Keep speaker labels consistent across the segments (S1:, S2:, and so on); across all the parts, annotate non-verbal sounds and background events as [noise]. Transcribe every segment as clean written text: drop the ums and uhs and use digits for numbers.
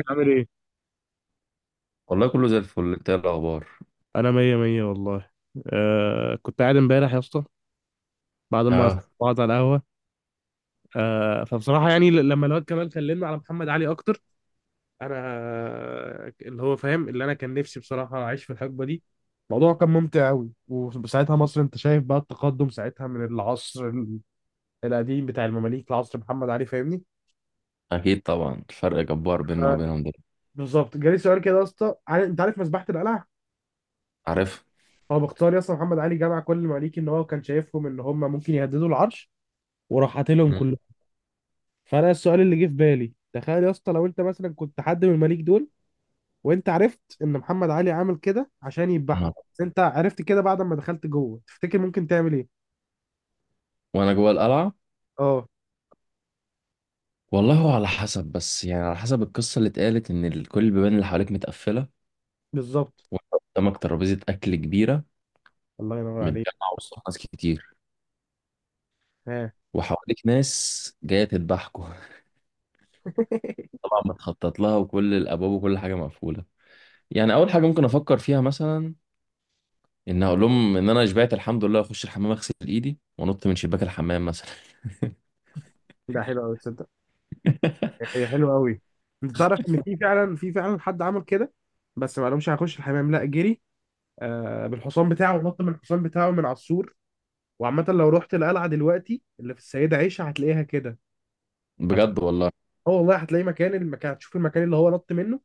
S1: ازيك عامل ايه؟
S2: والله كله زي الفل، انت ايه الاخبار؟
S1: انا مية مية والله. آه، كنت قاعد امبارح يا اسطى بعد ما
S2: اه.
S1: قعدت على القهوة. آه، فبصراحة يعني لما الواد كمال كلمنا على محمد علي اكتر انا اللي هو فاهم اللي انا كان نفسي بصراحة اعيش في الحقبة دي. الموضوع كان ممتع قوي، وساعتها مصر انت شايف بقى التقدم ساعتها من القديم بتاع المماليك لعصر محمد علي، فاهمني؟
S2: اكيد طبعا، الفرق جبار بيننا
S1: آه،
S2: وبينهم دلوقتي.
S1: بالظبط. جالي سؤال كده يا اسطى، انت عارف مذبحة القلعة؟
S2: عارف.
S1: هو باختصار يا اسطى محمد علي جمع كل المماليك ان هو كان شايفهم ان هم ممكن يهددوا العرش وراح قاتلهم
S2: مم.
S1: كلهم. فانا السؤال اللي جه في بالي، تخيل يا اسطى لو انت مثلا كنت حد من المليك دول وانت عرفت ان محمد علي عامل كده عشان
S2: انا
S1: يذبحكم، بس انت عرفت كده بعد ما دخلت جوه، تفتكر ممكن تعمل ايه؟
S2: وانا جوه القلعه.
S1: اه،
S2: والله هو على حسب، بس يعني على حسب القصه اللي اتقالت ان كل البيبان اللي حواليك متقفله.
S1: بالظبط.
S2: وانت قدامك ترابيزه اكل كبيره،
S1: الله ينور عليك.
S2: متجمعه وسط ناس كتير،
S1: ها.
S2: وحواليك ناس جايه تذبحكوا. [laughs]
S1: [laughs]
S2: طبعا متخطط لها، وكل الابواب وكل حاجه مقفوله. يعني اول حاجه ممكن افكر فيها مثلا، ان اقول لهم ان انا شبعت الحمد لله، اخش الحمام اغسل ايدي وانط من شباك الحمام مثلا.
S1: ده حلو قوي، تصدق؟
S2: [laughs]
S1: هي حلوه قوي. انت تعرف ان في فعلا، في فعلا حد عمل كده؟ بس ما قالهمش هخش الحمام، لا جري آه بالحصان بتاعه ونط من الحصان بتاعه من على السور. وعامه لو رحت القلعه دلوقتي اللي في السيده عيشه هتلاقيها كده.
S2: بجد والله.
S1: اه والله هتلاقي مكان، المكان هتشوف المكان اللي هو نط منه.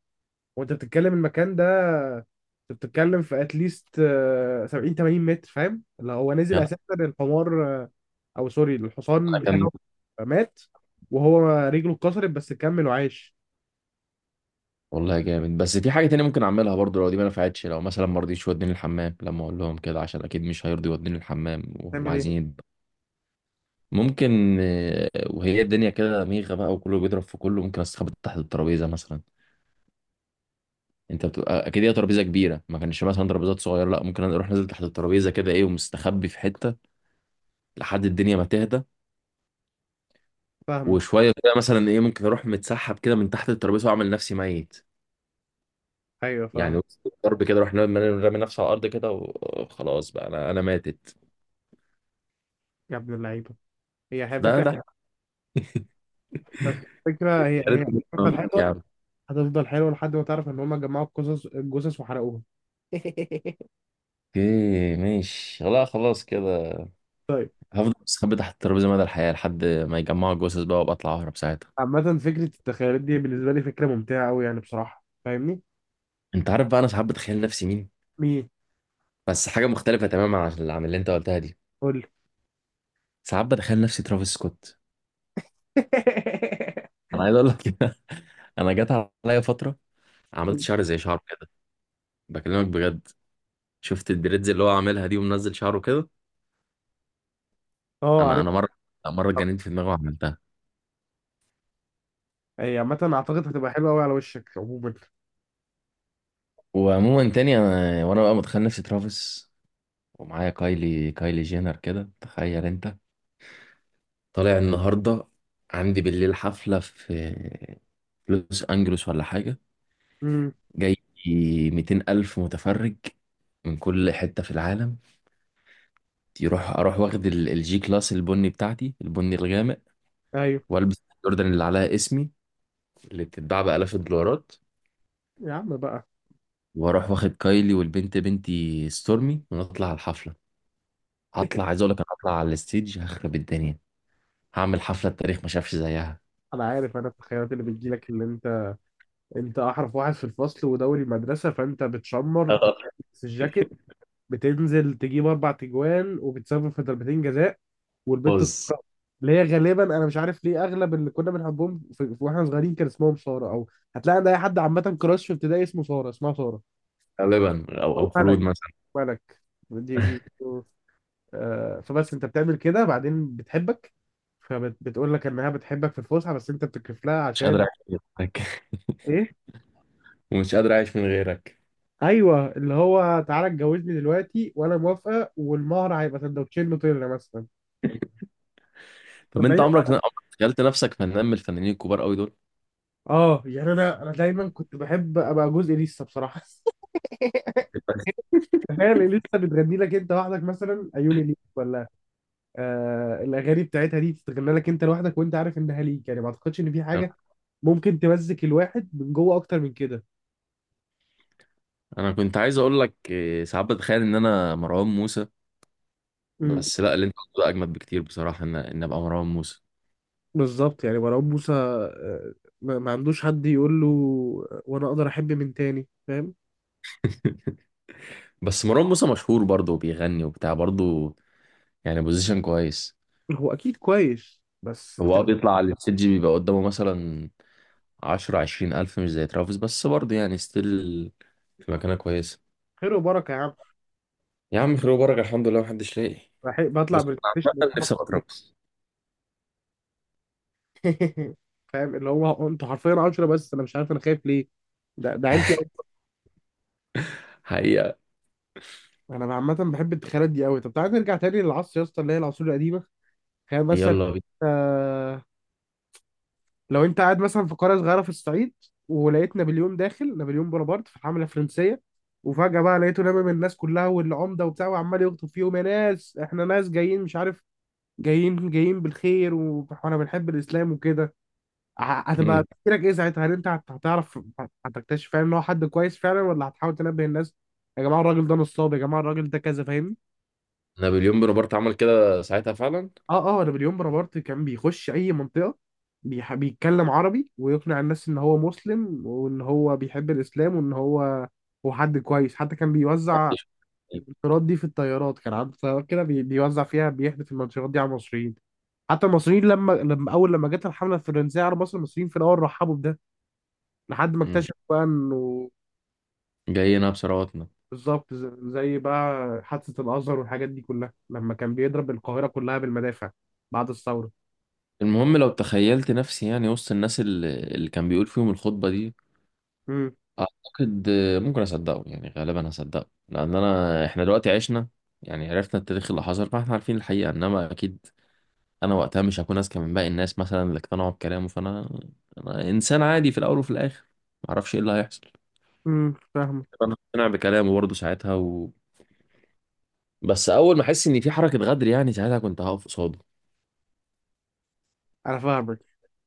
S1: وانت بتتكلم المكان ده، انت بتتكلم في اتليست 70 80 متر. فاهم اللي هو نزل
S2: يعني،
S1: اساسا؟ الحمار آه، او سوري الحصان
S2: اكمل.
S1: بتاعه مات، وهو رجله اتكسرت بس كمل وعاش.
S2: والله جامد، بس في حاجه تانية ممكن اعملها برضو لو دي ما نفعتش. لو مثلا ما رضيتش يوديني الحمام لما اقول لهم كده، عشان اكيد مش هيرضي يوديني الحمام وهم
S1: تعمل
S2: عايزين
S1: ايه؟
S2: ممكن، وهي الدنيا كده ميغه بقى وكله بيضرب في كله، ممكن استخبى تحت الترابيزه مثلا. انت بتبقى اكيد هي ترابيزه كبيره، ما كانش مثلا ترابيزات صغيره، لا، ممكن اروح نازل تحت الترابيزه كده، ايه، ومستخبي في حته لحد الدنيا ما تهدى.
S1: فاهمه.
S2: وشويه كده مثلا، ايه، ممكن اروح متسحب كده من تحت الترابيزه واعمل نفسي ميت.
S1: ايوه
S2: يعني
S1: فاهمه.
S2: وسط الضرب كده، رحنا رامي نفسه على الارض كده وخلاص بقى انا ماتت.
S1: يا ابن اللعيبه، هي
S2: لا
S1: فكره.
S2: لا.
S1: فكره، هي هتفضل
S2: حرام
S1: حلوه.
S2: يا عم.
S1: هتفضل حلوه لحد ما تعرف ان هم جمعوا القصص، الجثث وحرقوها. [laughs]
S2: اوكي ماشي، لا خلاص كده.
S1: طيب.
S2: هفضل مستخبي تحت الترابيزه مدى الحياه لحد ما يجمعوا الجثث بقى، وابقى اطلع اهرب ساعتها.
S1: عامه فكره التخيلات دي بالنسبه لي فكره ممتعه قوي يعني بصراحه، فاهمني؟
S2: انت عارف بقى انا ساعات بتخيل نفسي مين؟
S1: مين؟
S2: بس حاجه مختلفه تماما عن اللي انت قلتها دي.
S1: قول لي.
S2: ساعات بتخيل نفسي ترافيس سكوت.
S1: [laughs]
S2: انا عايز اقول لك. [laughs] انا جت عليا فتره، عملت شعر زي شعره كده، بكلمك بجد. شفت الدريدز اللي هو عاملها دي ومنزل شعره كده.
S1: اه،
S2: انا
S1: عارف.
S2: انا مرة اتجننت في دماغي وعملتها.
S1: هي عامة اعتقد هتبقى حلوة قوي على وشك عموما.
S2: وعموما تاني، انا وانا بقى متخيل نفسي ترافيس، ومعايا كايلي جينر كده، تخيل انت. طالع النهارده، عندي بالليل حفله في لوس انجلوس ولا حاجه.
S1: امم.
S2: جاي 200 الف متفرج من كل حته في العالم. اروح واخد الجي كلاس البني بتاعتي، البني الغامق،
S1: ايوه.
S2: والبس الجوردن اللي عليها اسمي، اللي بتتباع بالاف الدولارات.
S1: يا عم بقى.
S2: واروح واخد كايلي والبنت بنتي ستورمي ونطلع على الحفله. هطلع،
S1: [laughs]
S2: عايز اقول لك، انا هطلع على الستيج هخرب الدنيا. هعمل حفلة التاريخ ما شافش زيها.
S1: انا عارف انا التخيلات اللي بتجيلك اللي انت، انت احرف واحد في الفصل ودوري مدرسة، فانت بتشمر
S2: آه.
S1: في الجاكيت، بتنزل تجيب اربع تجوان وبتسبب في ضربتين جزاء، والبت
S2: بوز.
S1: الصفراء اللي هي غالبا، انا مش عارف ليه اغلب اللي كنا بنحبهم في واحنا صغيرين كان اسمهم سارة، او هتلاقي عند اي حد عامة كراش في ابتدائي اسمه سارة، اسمها سارة،
S2: غالبا او
S1: او
S2: أو خلود
S1: ملك.
S2: مثلا.
S1: ملك. دي آه، فبس انت بتعمل كده بعدين بتحبك، فبتقول لك انها بتحبك في الفسحه، بس انت بتكرف لها
S2: مش قادر
S1: عشان
S2: اعيش من غيرك. [laughs]
S1: ايه.
S2: ومش قادر اعيش من غيرك.
S1: ايوه، اللي هو تعالى اتجوزني دلوقتي وانا موافقه، والمهر هيبقى سندوتشين نوتيلا مثلا.
S2: طب
S1: طب
S2: انت
S1: بعيد.
S2: عمرك تخيلت نفسك فنان من الفنانين الكبار قوي دول؟
S1: اه يعني انا دايما كنت بحب ابقى جزء لسه بصراحه. [laughs]
S2: [laughs]
S1: تخيل لسه بتغني لك انت لوحدك مثلا عيوني ليك، ولا آه الاغاني بتاعتها دي تتغنى لك انت لوحدك وانت عارف انها ليك. يعني ما اعتقدش ان في حاجه ممكن تمزك الواحد من جوه اكتر من كده.
S2: انا كنت عايز اقول لك إيه، ساعات بتخيل ان انا مروان موسى. بس لا، اللي انت قلته ده اجمد بكتير بصراحة، ان ابقى مروان موسى.
S1: بالظبط، يعني مروان موسى آه، ما عندوش حد يقول له آه، وانا اقدر احب من تاني، فاهم؟
S2: [laughs] بس مروان موسى مشهور برضه وبيغني وبتاع برضه، يعني بوزيشن كويس.
S1: هو اكيد كويس، بس
S2: هو
S1: انت.
S2: بيطلع على الستيج بيبقى قدامه مثلا عشرة عشرين ألف، مش زي ترافيس بس برضه يعني ستيل في مكانة كويسة.
S1: خير وبركه يا عم.
S2: يا عم خير وبركة، الحمد لله محدش لاقي.
S1: بطلع
S2: بس
S1: بالبلاي.
S2: عامة نفسي أبقى ترافيس.
S1: [laughs] فاهم اللي هو انتوا حرفيا 10، بس انا مش عارف انا خايف ليه. ده عيلتي قوي.
S2: حقيقة.
S1: انا عامه بحب التخيلات دي قوي. طب تعالى نرجع تاني للعصر يا اسطى، اللي هي العصور القديمه. تخيل مثلا
S2: يلا بينا.
S1: آه، لو انت قاعد مثلا في قرية صغيرة في الصعيد، ولقيت نابليون داخل، نابليون بونابرت في الحملة الفرنسية، وفجأة بقى لقيته لامم الناس كلها والعمدة وبتاع، وعمال يخطب فيهم يا ناس احنا ناس جايين مش عارف جايين جايين بالخير [laughs] واحنا بنحب الإسلام وكده. ه- هتبقى
S2: مم.
S1: تفكيرك ايه ساعتها؟ هل انت هتعرف هتكتشف فعلا ان هو حد كويس فعلا، ولا هتحاول تنبه الناس يا جماعة الراجل ده نصاب، يا جماعة الراجل ده كذا، فاهمني؟
S2: نابليون بونابرت عمل كده ساعتها فعلا.
S1: اه اه، نابليون بونابرت كان بيخش اي منطقه بيتكلم عربي ويقنع الناس ان هو مسلم وان هو بيحب الاسلام وان هو هو حد كويس. حتى كان بيوزع الطيارات دي، في الطيارات كان عنده طيارات كده بيوزع فيها بيحدف المنشورات دي على المصريين. حتى المصريين لما لما اول لما جت الحمله الفرنسيه على مصر، المصريين في الاول رحبوا بده لحد ما
S2: مم.
S1: اكتشفوا بقى انه.
S2: جايين بثرواتنا.
S1: بالظبط، زي بقى حادثه الازهر والحاجات دي كلها لما كان بيضرب القاهره كلها بالمدافع بعد الثوره.
S2: المهم لو تخيلت نفسي يعني وسط الناس اللي كان بيقول فيهم الخطبة دي،
S1: امم.
S2: أعتقد ممكن أصدقه. يعني غالبا هصدقه، لأن أنا، إحنا دلوقتي عشنا يعني، عرفنا التاريخ اللي حصل، فاحنا عارفين الحقيقة. إنما أكيد انا وقتها مش هكون اذكى من باقي الناس مثلا اللي اقتنعوا بكلامه، فانا انا انسان عادي في الاول وفي الاخر، معرفش ايه اللي هيحصل.
S1: امم.
S2: انا هقتنع بكلامه برضه ساعتها بس اول ما احس ان في حركه غدر، يعني ساعتها كنت هقف قصاده.
S1: انا فاهمك.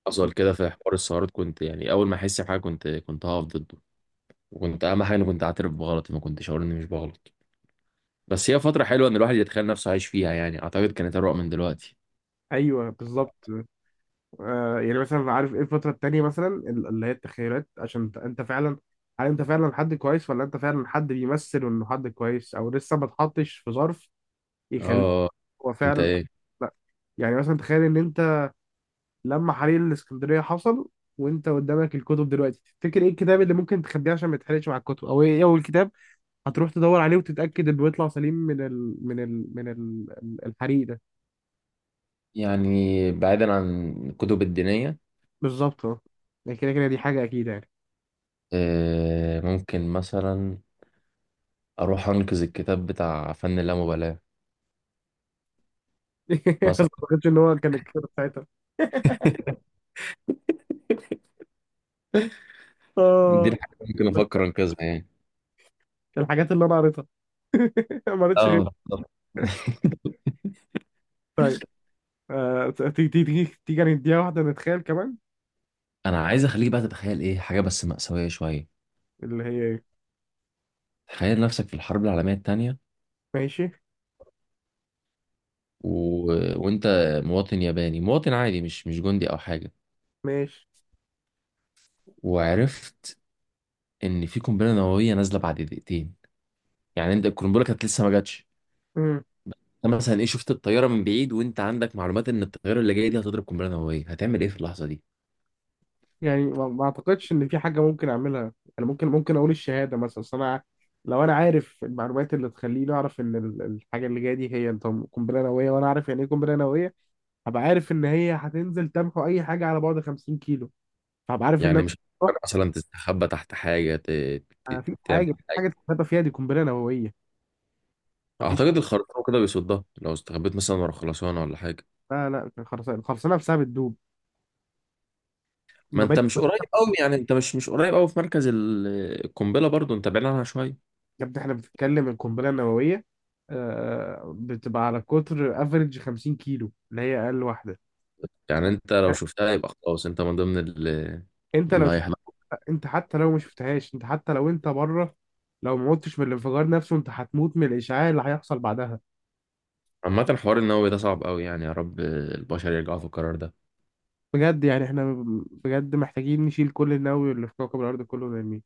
S2: حصل كده في حوار السيارات، كنت يعني اول ما احس بحاجه، كنت هقف ضده. وكنت اهم حاجه اني كنت اعترف بغلطي، ما كنتش اقول اني مش بغلط. بس هي فتره حلوه ان الواحد يتخيل نفسه عايش فيها، يعني اعتقد كانت اروق من دلوقتي.
S1: ايوه بالظبط. آه، يعني مثلا عارف ايه الفتره التانيه مثلا، اللي هي التخيلات عشان انت، أنت فعلا، هل انت فعلا حد كويس ولا انت فعلا حد بيمثل انه حد كويس، او لسه ما اتحطش في ظرف يخليك.
S2: اه.
S1: هو
S2: انت
S1: فعلا
S2: ايه؟
S1: لا، يعني مثلا تخيل ان انت لما حريق الاسكندريه حصل وانت قدامك الكتب دلوقتي، تفتكر ايه الكتاب اللي ممكن تخبيه عشان ما يتحرقش مع الكتب، او ايه اول كتاب هتروح تدور عليه وتتاكد انه يطلع سليم من ال من ال من ال الحريق ده.
S2: يعني بعيدا عن الكتب الدينيه.
S1: بالظبط، اه. يعني كده كده دي حاجه اكيده يعني.
S2: آه، ممكن مثلا اروح انقذ الكتاب بتاع فن اللامبالاة
S1: [laughs] ما
S2: مثلا.
S1: اعتقدش ان هو كان الكتاب ساعتها. [laughs]
S2: [laughs] دي
S1: اه.
S2: الحاجة اللي ممكن
S1: بس
S2: افكر انقذها يعني.
S1: الحاجات اللي انا قريتها، [laughs] ما قريتش غير.
S2: اه بالظبط.
S1: طيب آه، تيجي نديها واحده نتخيل كمان.
S2: انا عايز اخليك بقى تتخيل ايه حاجة بس مأساوية شوية.
S1: اللي هي ايه.
S2: تخيل نفسك في الحرب العالمية التانية،
S1: ماشي.
S2: و... وانت مواطن ياباني، مواطن عادي، مش مش جندي او حاجة.
S1: ماشي.
S2: وعرفت ان في قنبلة نووية نازلة بعد دقيقتين. يعني انت القنبلة كانت لسه ما جاتش.
S1: مم.
S2: انت مثلا ايه، شفت الطيارة من بعيد وانت عندك معلومات ان الطيارة اللي جاية دي هتضرب قنبلة نووية، هتعمل ايه في اللحظة دي؟
S1: يعني ما اعتقدش ان في حاجه ممكن اعملها. انا ممكن اقول الشهاده مثلا، أصل انا لو انا عارف المعلومات اللي تخليني اعرف ان الحاجه اللي جايه دي هي طب قنبله نوويه، وانا عارف يعني ايه قنبله نوويه، هبقى عارف ان هي هتنزل تمحو اي حاجه على بعد 50 كيلو، فهبقى عارف ان
S2: يعني
S1: انا.
S2: مش هتفكر مثلا تستخبى تحت حاجة،
S1: ما فيش حاجه،
S2: تعمل
S1: مفيش
S2: حاجة؟
S1: حاجه تتغابى فيها، دي قنبله نوويه. ما فيش.
S2: أعتقد الخرسانة كده بيصدها، لو استخبيت مثلا ورا خرسانة ولا حاجة.
S1: لا لا، الخرسانه، الخرسانه نفسها بتدوب،
S2: ما أنت
S1: المباني.
S2: مش قريب أوي، يعني أنت مش قريب أوي في مركز القنبلة، برضو أنت بعيد عنها شوية.
S1: يا ابني احنا بنتكلم القنبله النوويه آه، بتبقى على قطر افريج 50 كيلو اللي هي اقل واحده.
S2: يعني أنت لو شفتها يبقى خلاص، أنت من ضمن
S1: انت لو
S2: اللي
S1: شفت،
S2: هيحلق.
S1: انت حتى لو ما شفتهاش، انت حتى لو انت بره لو ما متش من الانفجار نفسه انت هتموت من الاشعاع اللي هيحصل بعدها.
S2: عامة الحوار النووي ده صعب أوي، يعني يا رب البشر يرجعوا في القرار ده.
S1: بجد، يعني احنا بجد محتاجين نشيل كل النووي اللي في كوكب الارض كله ونرميه.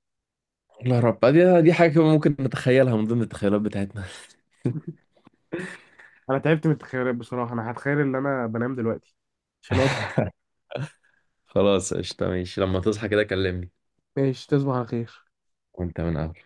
S2: والله يا رب، دي حاجة كمان ممكن نتخيلها من ضمن التخيلات بتاعتنا.
S1: انا تعبت من التخيلات بصراحه، انا هتخيل ان انا بنام دلوقتي عشان.
S2: [laughs] خلاص قشطة، ماشي لما تصحى كده كلمني.
S1: ماشي، تصبح على خير.
S2: وأنت من أهل